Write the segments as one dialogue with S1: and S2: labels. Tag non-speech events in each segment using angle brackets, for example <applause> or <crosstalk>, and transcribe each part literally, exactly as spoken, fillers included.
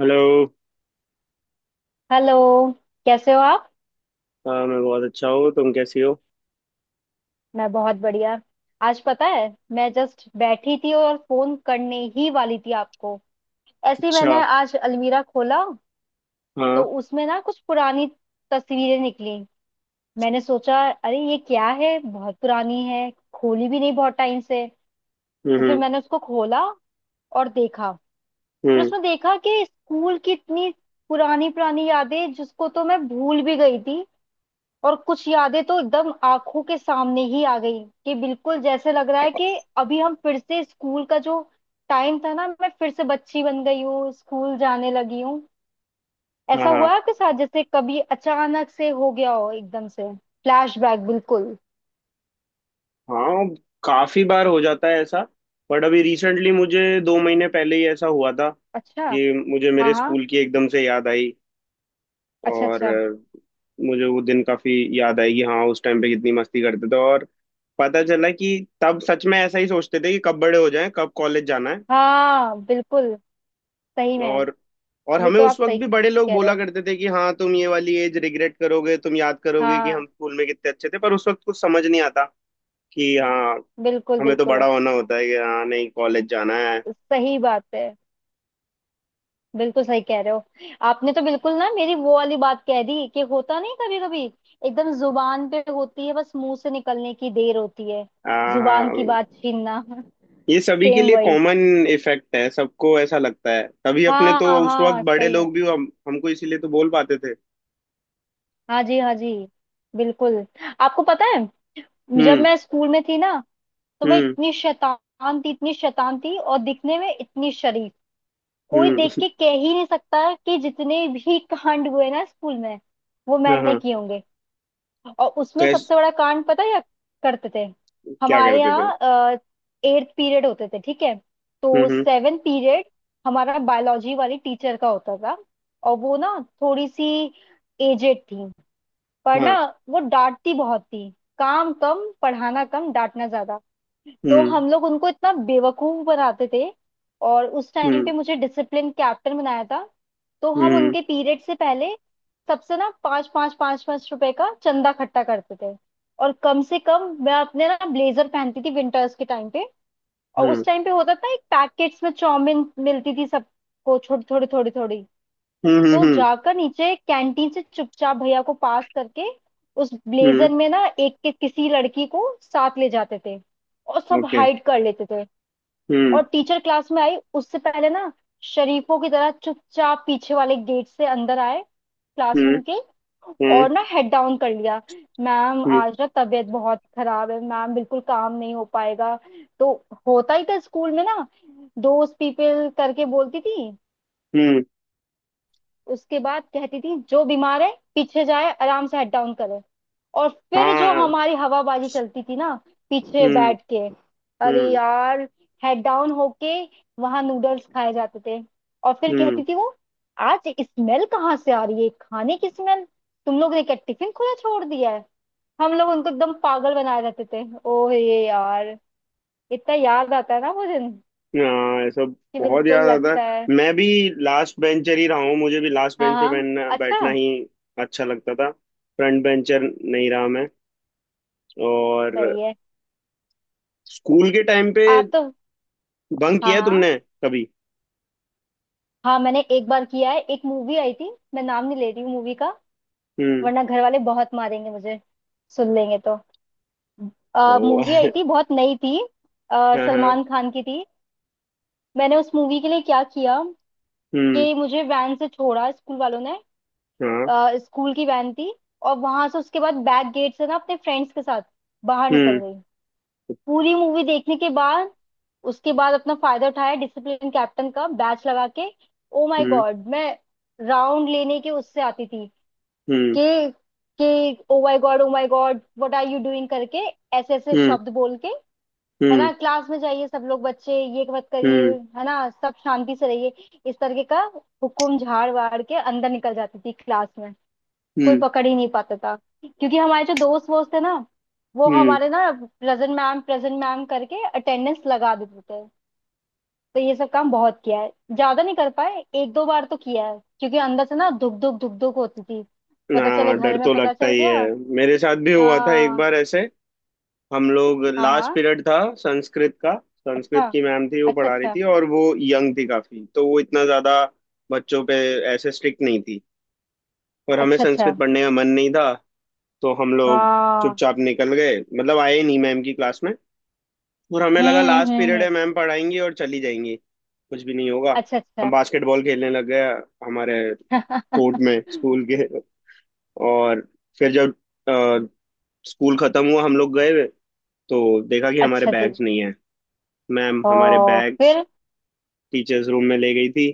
S1: Hello.
S2: Hello. कैसे हो आप।
S1: हाँ, मैं बहुत अच्छा हूँ। तुम कैसी हो?
S2: मैं बहुत बढ़िया। आज पता है, मैं जस्ट बैठी थी और फोन करने ही वाली थी आपको। ऐसे ही
S1: अच्छा।
S2: मैंने आज अलमीरा खोला, तो
S1: हाँ।
S2: उसमें ना कुछ पुरानी तस्वीरें निकली। मैंने सोचा, अरे ये क्या है, बहुत पुरानी है, खोली भी नहीं बहुत टाइम से।
S1: हम्म
S2: तो फिर
S1: हम्म
S2: मैंने उसको खोला और देखा। फिर
S1: हम्म,
S2: उसमें देखा कि स्कूल की इतनी पुरानी पुरानी यादें जिसको तो मैं भूल भी गई थी। और कुछ यादें तो एकदम आंखों के सामने ही आ गई कि बिल्कुल जैसे लग रहा है कि अभी हम फिर से स्कूल का जो टाइम था ना, मैं फिर से बच्ची बन गई हूँ, स्कूल जाने लगी हूँ।
S1: हाँ
S2: ऐसा हुआ
S1: हाँ
S2: है आपके साथ, जैसे कभी अचानक से हो गया हो एकदम से, फ्लैशबैक बिल्कुल।
S1: हाँ, काफी बार हो जाता है ऐसा। बट अभी रिसेंटली मुझे दो महीने पहले ही ऐसा हुआ था
S2: अच्छा।
S1: कि मुझे
S2: हाँ
S1: मेरे
S2: हाँ।
S1: स्कूल की एकदम से याद आई।
S2: अच्छा
S1: और
S2: अच्छा।
S1: अ, मुझे वो दिन काफी याद आई कि हाँ उस टाइम पे कितनी मस्ती करते थे। और पता चला कि तब सच में ऐसा ही सोचते थे कि कब बड़े हो जाएं, कब कॉलेज जाना है।
S2: हाँ बिल्कुल, सही में।
S1: और और
S2: ये
S1: हमें
S2: तो
S1: उस
S2: आप
S1: वक्त
S2: सही
S1: भी बड़े लोग
S2: कह रहे
S1: बोला
S2: हो।
S1: करते थे कि हाँ, तुम ये वाली एज रिग्रेट करोगे, तुम याद करोगे कि
S2: हाँ,
S1: हम स्कूल में कितने अच्छे थे, पर उस वक्त कुछ समझ नहीं आता कि हाँ,
S2: बिल्कुल
S1: हमें तो बड़ा
S2: बिल्कुल।
S1: होना होता है कि हाँ नहीं, कॉलेज जाना है।
S2: सही बात है, बिल्कुल सही कह रहे हो। आपने तो बिल्कुल ना मेरी वो वाली बात कह दी कि होता नहीं कभी कभी, एकदम जुबान पे होती है, बस मुंह से निकलने की देर होती है।
S1: हाँ
S2: जुबान की
S1: हाँ,
S2: बात छीनना <laughs>
S1: ये सभी के
S2: सेम
S1: लिए
S2: वही।
S1: कॉमन इफेक्ट है। सबको ऐसा लगता है, तभी अपने
S2: हाँ
S1: तो उस वक्त
S2: हाँ,
S1: बड़े
S2: सही में।
S1: लोग भी हम, हमको इसीलिए तो बोल पाते थे।
S2: हाँ जी हाँ जी, बिल्कुल। आपको पता है, जब
S1: हम्म
S2: मैं स्कूल में थी ना, तो मैं
S1: हम्म
S2: इतनी शैतान थी, इतनी शैतान थी, और दिखने में इतनी शरीफ। कोई
S1: हम्म
S2: देख
S1: <laughs>
S2: के कह ही नहीं सकता कि जितने भी कांड हुए ना स्कूल में, वो
S1: हाँ
S2: मैंने
S1: हाँ।
S2: किए होंगे। और उसमें
S1: कैस
S2: सबसे बड़ा कांड पता है या करते थे
S1: क्या
S2: हमारे
S1: करते थे?
S2: यहाँ। एट्थ पीरियड होते थे, ठीक है।
S1: हम्म
S2: तो
S1: हम्म।
S2: सेवन पीरियड हमारा बायोलॉजी वाली टीचर का होता था। और वो ना थोड़ी सी एजेड थी, पर
S1: हाँ।
S2: ना वो डांटती बहुत थी। काम कम, पढ़ाना कम, डांटना ज्यादा। तो
S1: हम्म
S2: हम लोग उनको इतना बेवकूफ बनाते थे। और उस टाइम
S1: हम्म
S2: पे मुझे डिसिप्लिन कैप्टन बनाया था। तो हम
S1: हम्म
S2: उनके पीरियड से पहले सबसे ना पाँच पाँच पाँच पाँच रुपए का चंदा इकट्ठा करते थे। और कम से कम मैं अपने ना ब्लेजर पहनती थी विंटर्स के टाइम पे। और उस
S1: हम्म
S2: टाइम पे होता था एक पैकेट्स में चाउमीन मिलती थी सबको, छोटी थोड़ी थोड़ी थोड़ी।
S1: हम्म हम्म
S2: तो
S1: हम्म
S2: जाकर नीचे कैंटीन से चुपचाप भैया को पास करके उस
S1: हम्म।
S2: ब्लेजर में ना एक के किसी लड़की को साथ ले जाते थे और सब
S1: ओके।
S2: हाइड कर लेते थे। और
S1: हम्म
S2: टीचर क्लास में आई उससे पहले ना शरीफों की तरह चुपचाप पीछे वाले गेट से अंदर आए
S1: हम्म
S2: क्लासरूम के।
S1: हम्म
S2: और ना हेड डाउन कर लिया। मैम
S1: हम्म
S2: आज ना तबीयत बहुत खराब है, मैम बिल्कुल काम नहीं हो पाएगा। तो होता ही था स्कूल में ना, दोस्त पीपल करके बोलती थी।
S1: हम्म।
S2: उसके बाद कहती थी जो बीमार है पीछे जाए, आराम से हेड डाउन करे। और फिर जो
S1: हाँ।
S2: हमारी हवाबाजी चलती थी ना पीछे
S1: हम्म
S2: बैठ के, अरे
S1: हम्म
S2: यार, हेड डाउन होके वहां नूडल्स खाए जाते थे। और फिर
S1: हम्म।
S2: कहती थी वो, आज स्मेल कहाँ से आ रही है, खाने की स्मेल, तुम लोग ने क्या टिफिन खुला छोड़ दिया है। हम लोग उनको एकदम पागल बनाए रहते थे। ओह ये यार, इतना याद आता है ना वो दिन,
S1: हाँ, ये सब
S2: कि
S1: बहुत
S2: बिल्कुल
S1: याद आता
S2: लगता है।
S1: है। मैं भी लास्ट बेंचर ही रहा हूँ, मुझे भी लास्ट
S2: हाँ
S1: बेंच पे
S2: हाँ,
S1: बैठना बैठना
S2: अच्छा।
S1: ही अच्छा लगता था। फ्रंट बेंचर नहीं रहा मैं। और
S2: सही है।
S1: स्कूल के टाइम पे
S2: आप तो,
S1: बंक
S2: हाँ
S1: किया है
S2: हाँ।
S1: तुमने कभी?
S2: हाँ मैंने एक बार किया है। एक मूवी आई थी, मैं नाम नहीं ले रही हूँ मूवी का,
S1: हम्म
S2: वरना घर वाले बहुत मारेंगे मुझे, सुन लेंगे तो।
S1: को
S2: मूवी आई थी,
S1: <laughs>
S2: बहुत नई थी, अ,
S1: हाँ हाँ।
S2: सलमान खान की थी। मैंने उस मूवी के लिए क्या किया
S1: हम्म।
S2: कि मुझे वैन से छोड़ा स्कूल वालों ने,
S1: हाँ।
S2: अ, स्कूल की वैन थी। और वहां से उसके बाद बैक गेट से ना अपने फ्रेंड्स के साथ बाहर निकल
S1: हम्म
S2: गई, पूरी मूवी देखने के बाद। उसके बाद अपना फायदा उठाया डिसिप्लिन कैप्टन का बैच लगा के। ओ माय
S1: हम्म
S2: गॉड, मैं राउंड लेने के उससे आती थी
S1: हम्म
S2: कि कि oh my god oh my god what are you doing करके, ऐसे ऐसे
S1: हम्म
S2: शब्द बोल के, है
S1: हम्म
S2: ना, क्लास में जाइए सब लोग, बच्चे ये मत करिए,
S1: हम्म
S2: है ना, सब शांति से रहिए, इस तरीके का हुकुम झाड़ वाड़ के अंदर निकल जाती थी क्लास में। कोई
S1: हम्म
S2: पकड़ ही नहीं पाता था, क्योंकि हमारे जो दोस्त वोस्त थे ना, वो
S1: हम्म
S2: हमारे ना प्रेजेंट मैम प्रेजेंट मैम करके अटेंडेंस लगा देते थे। तो ये सब काम बहुत किया है, ज्यादा नहीं कर पाए, एक दो बार तो किया है, क्योंकि अंदर से ना धुक धुक धुक धुक होती थी,
S1: ना,
S2: पता चले
S1: डर
S2: घर में
S1: तो
S2: पता
S1: लगता
S2: चल
S1: ही है।
S2: गया।
S1: मेरे साथ भी हुआ था एक
S2: हाँ
S1: बार ऐसे। हम लोग,
S2: हाँ।
S1: लास्ट
S2: हाँ।
S1: पीरियड था संस्कृत का।
S2: अच्छा
S1: संस्कृत की मैम थी, वो
S2: अच्छा
S1: पढ़ा रही
S2: अच्छा
S1: थी और वो यंग थी काफी, तो वो इतना ज्यादा बच्चों पे ऐसे स्ट्रिक्ट नहीं थी। पर हमें
S2: अच्छा अच्छा।
S1: संस्कृत पढ़ने का मन नहीं था, तो हम लोग
S2: हाँ।
S1: चुपचाप निकल गए, मतलब आए ही नहीं मैम की क्लास में। और हमें लगा
S2: हम्म
S1: लास्ट
S2: हम्म
S1: पीरियड है,
S2: हम्म,
S1: मैम पढ़ाएंगी और चली जाएंगी, कुछ भी नहीं होगा।
S2: अच्छा अच्छा।
S1: हम बास्केटबॉल खेलने लग गए, हमारे कोर्ट
S2: <laughs>
S1: में, स्कूल के। और फिर जब स्कूल खत्म हुआ, हम लोग गए, तो देखा कि हमारे
S2: अच्छा जी।
S1: बैग्स नहीं है। मैम हमारे
S2: ओ
S1: बैग्स
S2: फिर।
S1: टीचर्स रूम में ले गई थी।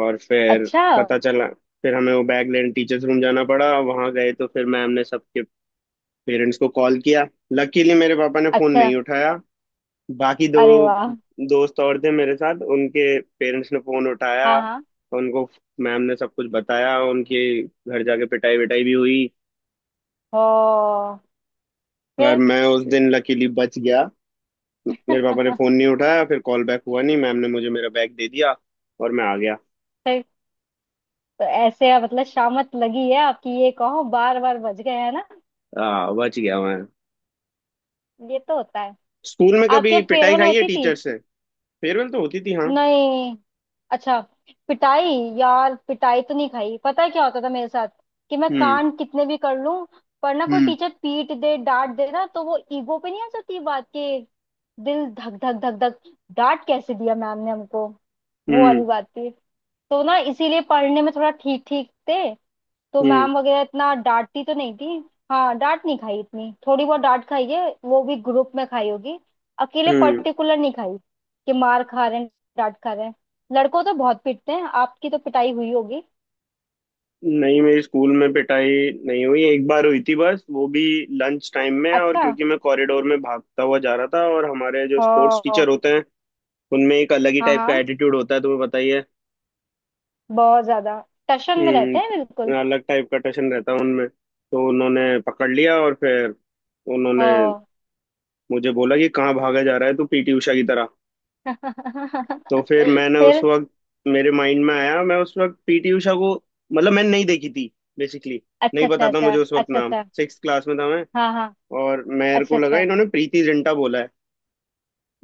S1: और फिर
S2: अच्छा
S1: पता चला, फिर हमें वो बैग लेने टीचर्स रूम जाना पड़ा, वहां गए तो फिर मैम ने सबके पेरेंट्स को कॉल किया। लकीली मेरे पापा ने फोन
S2: अच्छा।
S1: नहीं उठाया। बाकी दो
S2: अरे वाह।
S1: दोस्त और थे मेरे साथ, उनके पेरेंट्स ने फोन
S2: हाँ
S1: उठाया।
S2: हाँ।
S1: उनको मैम ने सब कुछ बताया, उनके घर जाके पिटाई विटाई भी हुई।
S2: ओ
S1: पर
S2: फिर।
S1: मैं उस दिन लकीली बच गया। मेरे पापा ने फोन
S2: <laughs>
S1: नहीं उठाया, फिर कॉल बैक हुआ नहीं, मैम ने मुझे मेरा बैग दे दिया और मैं आ गया।
S2: फिर तो ऐसे आप- मतलब शामत लगी है आपकी, ये कहो, बार बार बज गए, है ना।
S1: हाँ, बच गया मैं।
S2: ये तो होता है।
S1: स्कूल में
S2: आपके
S1: कभी पिटाई
S2: फेयरवेल
S1: खाई है
S2: होती थी।
S1: टीचर से? फेयरवेल तो होती थी हाँ।
S2: नहीं। अच्छा। पिटाई। यार, पिटाई तो नहीं खाई। पता है क्या होता था मेरे साथ, कि मैं
S1: हम्म
S2: कांड कितने भी कर लूं, पर ना कोई
S1: हम्म
S2: टीचर पीट दे डांट दे ना, तो वो ईगो पे नहीं आ जाती बात के, दिल धक धक धक धक, डांट कैसे दिया मैम ने हमको, वो वाली
S1: हम्म
S2: बात थी। तो ना इसीलिए पढ़ने में थोड़ा ठीक ठीक थे, तो
S1: हम्म
S2: मैम वगैरह इतना डांटती तो नहीं थी। हाँ, डांट नहीं खाई इतनी, थोड़ी बहुत डांट खाई है, वो भी ग्रुप में खाई होगी, अकेले
S1: हम्म।
S2: पर्टिकुलर नहीं खाई कि मार खा रहे हैं, डांट खा रहे हैं। लड़कों तो बहुत पीटते हैं, आपकी तो पिटाई हुई होगी।
S1: नहीं, मेरी स्कूल में पिटाई नहीं हुई। एक बार हुई थी बस, वो भी लंच टाइम में, और
S2: अच्छा।
S1: क्योंकि मैं कॉरिडोर में भागता हुआ जा रहा था, और हमारे जो स्पोर्ट्स
S2: हाँ
S1: टीचर होते हैं, उनमें एक अलग ही
S2: हाँ।
S1: टाइप का
S2: हाँ
S1: एटीट्यूड होता है, तुम्हें बताइए।
S2: बहुत ज्यादा, टशन में रहते हैं बिल्कुल।
S1: हम्म, अलग टाइप का टशन रहता है उनमें। तो उन्होंने पकड़ लिया और फिर उन्होंने
S2: हाँ।
S1: मुझे बोला कि कहाँ भागा जा रहा है तू, पीटी उषा की तरह? तो
S2: <laughs>
S1: फिर मैंने, उस
S2: फिर।
S1: वक्त मेरे माइंड में आया, मैं उस वक्त पीटी उषा को मतलब मैंने नहीं देखी थी बेसिकली,
S2: अच्छा
S1: नहीं
S2: अच्छा
S1: पता था
S2: अच्छा
S1: मुझे उस वक्त
S2: अच्छा
S1: नाम,
S2: अच्छा।
S1: सिक्स क्लास में था मैं।
S2: हाँ हाँ।
S1: और मेरे
S2: अच्छा
S1: को लगा
S2: अच्छा।
S1: इन्होंने प्रीति जिंटा बोला है।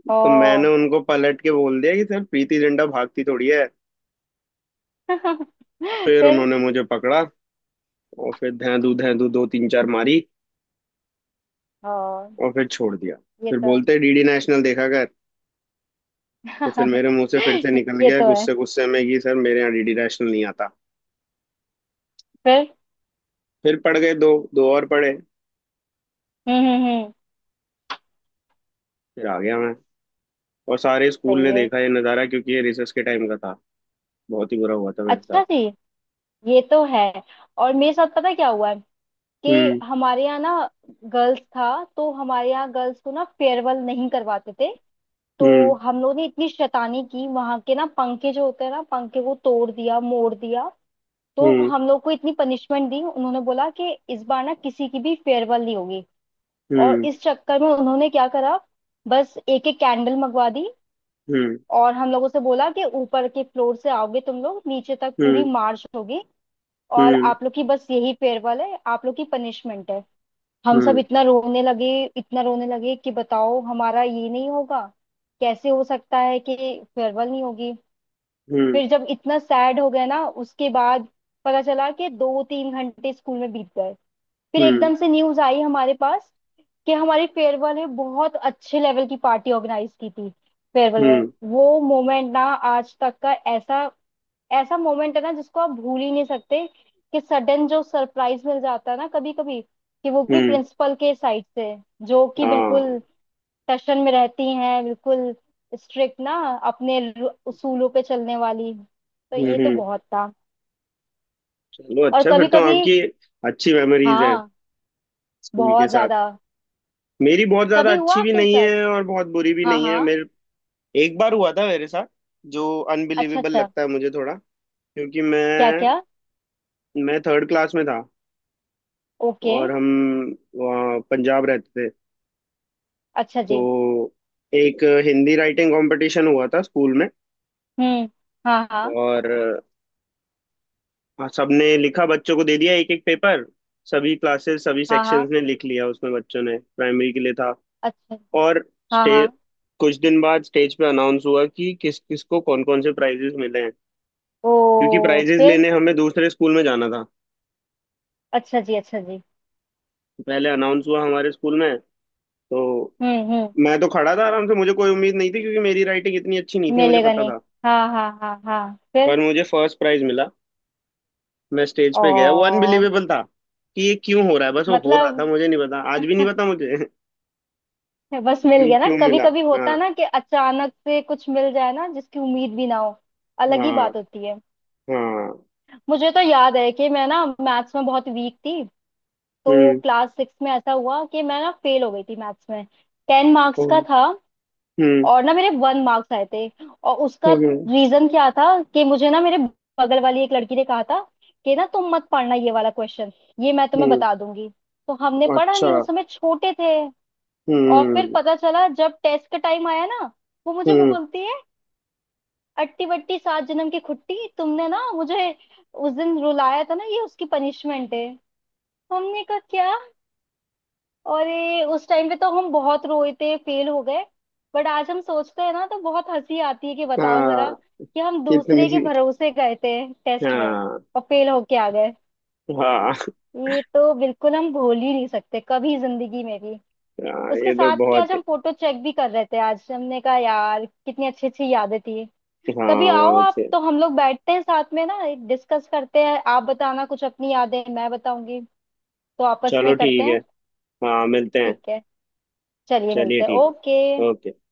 S2: ओ।
S1: तो मैंने उनको पलट के बोल दिया कि सर, प्रीति जिंटा भागती थोड़ी है।
S2: <laughs>
S1: फिर
S2: फिर।
S1: उन्होंने मुझे पकड़ा और फिर धैं धू धैं धू दो तीन चार मारी,
S2: ओ,
S1: और फिर छोड़ दिया।
S2: ये
S1: फिर
S2: तो।
S1: बोलते, डीडी नेशनल देखा कर। तो फिर
S2: <laughs>
S1: मेरे मुंह से फिर से निकल
S2: ये
S1: गया
S2: तो है।
S1: गुस्से गुस्से में कि सर, मेरे यहाँ डीडी नेशनल नहीं आता।
S2: फिर।
S1: फिर पढ़ गए दो दो और पढ़े।
S2: हम्म हम्म हम्म,
S1: फिर आ गया मैं। और सारे स्कूल
S2: सही
S1: ने
S2: है।
S1: देखा ये नज़ारा, क्योंकि ये रिसर्च के टाइम का था। बहुत ही बुरा हुआ था मेरे साथ।
S2: अच्छा जी। ये तो है। और मेरे साथ पता है क्या हुआ है, कि
S1: हम्म
S2: हमारे यहाँ ना गर्ल्स था, तो हमारे यहाँ गर्ल्स को ना फेयरवेल नहीं करवाते थे। तो
S1: हम्म
S2: हम लोग ने इतनी शैतानी की वहां के ना पंखे जो होते हैं ना, पंखे को तोड़ दिया मोड़ दिया। तो
S1: हम्म
S2: हम लोग को इतनी पनिशमेंट दी, उन्होंने बोला कि इस बार ना किसी की भी फेयरवेल नहीं होगी। और
S1: हम्म
S2: इस चक्कर में उन्होंने क्या करा, बस एक एक कैंडल मंगवा दी।
S1: हम्म
S2: और हम लोगों से बोला कि ऊपर के फ्लोर से आओगे तुम लोग, नीचे तक पूरी
S1: हम्म
S2: मार्च होगी, और
S1: हम्म
S2: आप लोग की बस यही फेयरवेल है, आप लोग की पनिशमेंट है। हम सब
S1: हम्म
S2: इतना रोने लगे, इतना रोने लगे कि बताओ, हमारा ये नहीं होगा, कैसे हो सकता है कि फेयरवेल नहीं होगी।
S1: हम्म
S2: फिर जब इतना सैड हो गया ना उसके बाद, पता चला कि दो तीन घंटे स्कूल में बीत गए। फिर
S1: हम्म
S2: एकदम से न्यूज आई हमारे पास कि हमारी फेयरवेल में बहुत अच्छे लेवल की पार्टी ऑर्गेनाइज की थी, फेयरवेल में।
S1: हम्म
S2: वो मोमेंट ना, आज तक का ऐसा, ऐसा मोमेंट है ना जिसको आप भूल ही नहीं सकते, कि सडन जो सरप्राइज मिल जाता है ना कभी कभी, कि वो भी
S1: हम्म,
S2: प्रिंसिपल के साइड से, जो कि बिल्कुल
S1: हाँ।
S2: टशन में रहती हैं, बिल्कुल स्ट्रिक्ट ना, अपने रू- उसूलों पे चलने वाली। तो
S1: हम्म
S2: ये तो
S1: हम्म।
S2: बहुत था।
S1: चलो
S2: और
S1: अच्छा,
S2: कभी
S1: फिर तो
S2: कभी।
S1: आपकी अच्छी मेमोरीज हैं
S2: हाँ
S1: स्कूल के
S2: बहुत
S1: साथ।
S2: ज्यादा।
S1: मेरी बहुत ज्यादा
S2: कभी हुआ
S1: अच्छी भी
S2: आपके
S1: नहीं
S2: साथ।
S1: है और बहुत बुरी भी
S2: हाँ
S1: नहीं है
S2: हाँ।
S1: मेरे। एक बार हुआ था मेरे साथ जो
S2: अच्छा
S1: अनबिलीवेबल
S2: अच्छा।
S1: लगता है मुझे थोड़ा, क्योंकि
S2: क्या
S1: मैं
S2: क्या।
S1: मैं थर्ड क्लास में था
S2: ओके।
S1: और हम वहाँ पंजाब रहते थे।
S2: अच्छा जी।
S1: तो एक हिंदी राइटिंग कंपटीशन हुआ था स्कूल में।
S2: हम्म। हाँ हाँ
S1: और अ, सबने लिखा, बच्चों को दे दिया एक एक पेपर। सभी क्लासेस, सभी
S2: हाँ
S1: सेक्शंस
S2: हाँ।
S1: ने लिख लिया, उसमें बच्चों ने, प्राइमरी के लिए था।
S2: अच्छा।
S1: और
S2: हाँ
S1: स्टे
S2: हाँ।
S1: कुछ दिन बाद स्टेज पे अनाउंस हुआ कि किस किस को, कौन कौन से प्राइजेस मिले हैं,
S2: ओ
S1: क्योंकि प्राइजेस
S2: फिर।
S1: लेने हमें दूसरे स्कूल में जाना था।
S2: अच्छा जी अच्छा जी।
S1: पहले अनाउंस हुआ हमारे स्कूल में। तो
S2: हम्म हम्म।
S1: मैं तो खड़ा था आराम से, मुझे कोई उम्मीद नहीं थी, क्योंकि मेरी राइटिंग इतनी अच्छी नहीं थी, मुझे
S2: मिलेगा
S1: पता
S2: नहीं।
S1: था।
S2: हाँ हाँ हाँ हाँ फिर।
S1: पर मुझे फर्स्ट प्राइज मिला। मैं स्टेज पे गया, वो
S2: ओ।
S1: अनबिलीवेबल था कि ये क्यों हो रहा है, बस वो हो रहा था,
S2: मतलब।
S1: मुझे नहीं पता, आज भी नहीं
S2: <laughs>
S1: पता मुझे <laughs>
S2: बस मिल
S1: क्यों
S2: गया ना,
S1: क्यों
S2: कभी
S1: मिला?
S2: कभी
S1: हाँ
S2: होता है ना कि अचानक से कुछ मिल जाए ना जिसकी उम्मीद भी ना हो, अलग ही
S1: हाँ
S2: बात होती है।
S1: हाँ।
S2: मुझे तो याद है कि मैं ना मैथ्स में बहुत वीक थी। तो
S1: हम्म
S2: क्लास सिक्स में ऐसा हुआ कि मैं ना फेल हो गई थी मैथ्स में। टेन मार्क्स का
S1: हम्म
S2: था,
S1: हम्म
S2: और ना मेरे वन मार्क्स आए थे। और उसका
S1: हम्म
S2: रीजन क्या था, कि मुझे ना मेरे बगल वाली एक लड़की ने कहा था कि ना तुम मत पढ़ना ये वाला क्वेश्चन, ये मैं तुम्हें
S1: हम्म,
S2: बता दूंगी। तो हमने पढ़ा
S1: अच्छा।
S2: नहीं, उस समय छोटे थे। और फिर
S1: हम्म
S2: पता चला जब टेस्ट का टाइम आया ना, वो मुझे
S1: हम्म।
S2: बोलती है, अट्टी बट्टी सात जन्म की खुट्टी, तुमने ना मुझे उस दिन रुलाया था ना, ये उसकी पनिशमेंट है। हमने कहा क्या। और ये उस टाइम पे तो हम बहुत रोए थे, फेल हो गए। बट आज हम सोचते हैं ना तो बहुत हंसी आती है, कि बताओ जरा,
S1: हाँ,
S2: कि हम
S1: कितनी
S2: दूसरे के
S1: सी-।
S2: भरोसे गए थे टेस्ट में
S1: हाँ
S2: और फेल होके आ गए।
S1: हाँ
S2: ये तो बिल्कुल हम भूल ही नहीं सकते कभी जिंदगी में भी,
S1: हाँ।
S2: उसके
S1: ये तो
S2: साथ। कि आज
S1: बहुत।
S2: हम फोटो चेक भी कर रहे थे, आज हमने कहा, यार कितनी अच्छी अच्छी यादें थी। कभी
S1: हाँ
S2: आओ
S1: बहुत
S2: आप,
S1: अच्छे।
S2: तो हम लोग बैठते हैं साथ में ना, डिस्कस करते हैं। आप बताना कुछ अपनी यादें, मैं बताऊंगी, तो आपस
S1: चलो
S2: में करते
S1: ठीक है,
S2: हैं।
S1: हाँ मिलते हैं।
S2: ठीक है, चलिए
S1: चलिए
S2: मिलते हैं,
S1: ठीक
S2: ओके।
S1: है, ओके।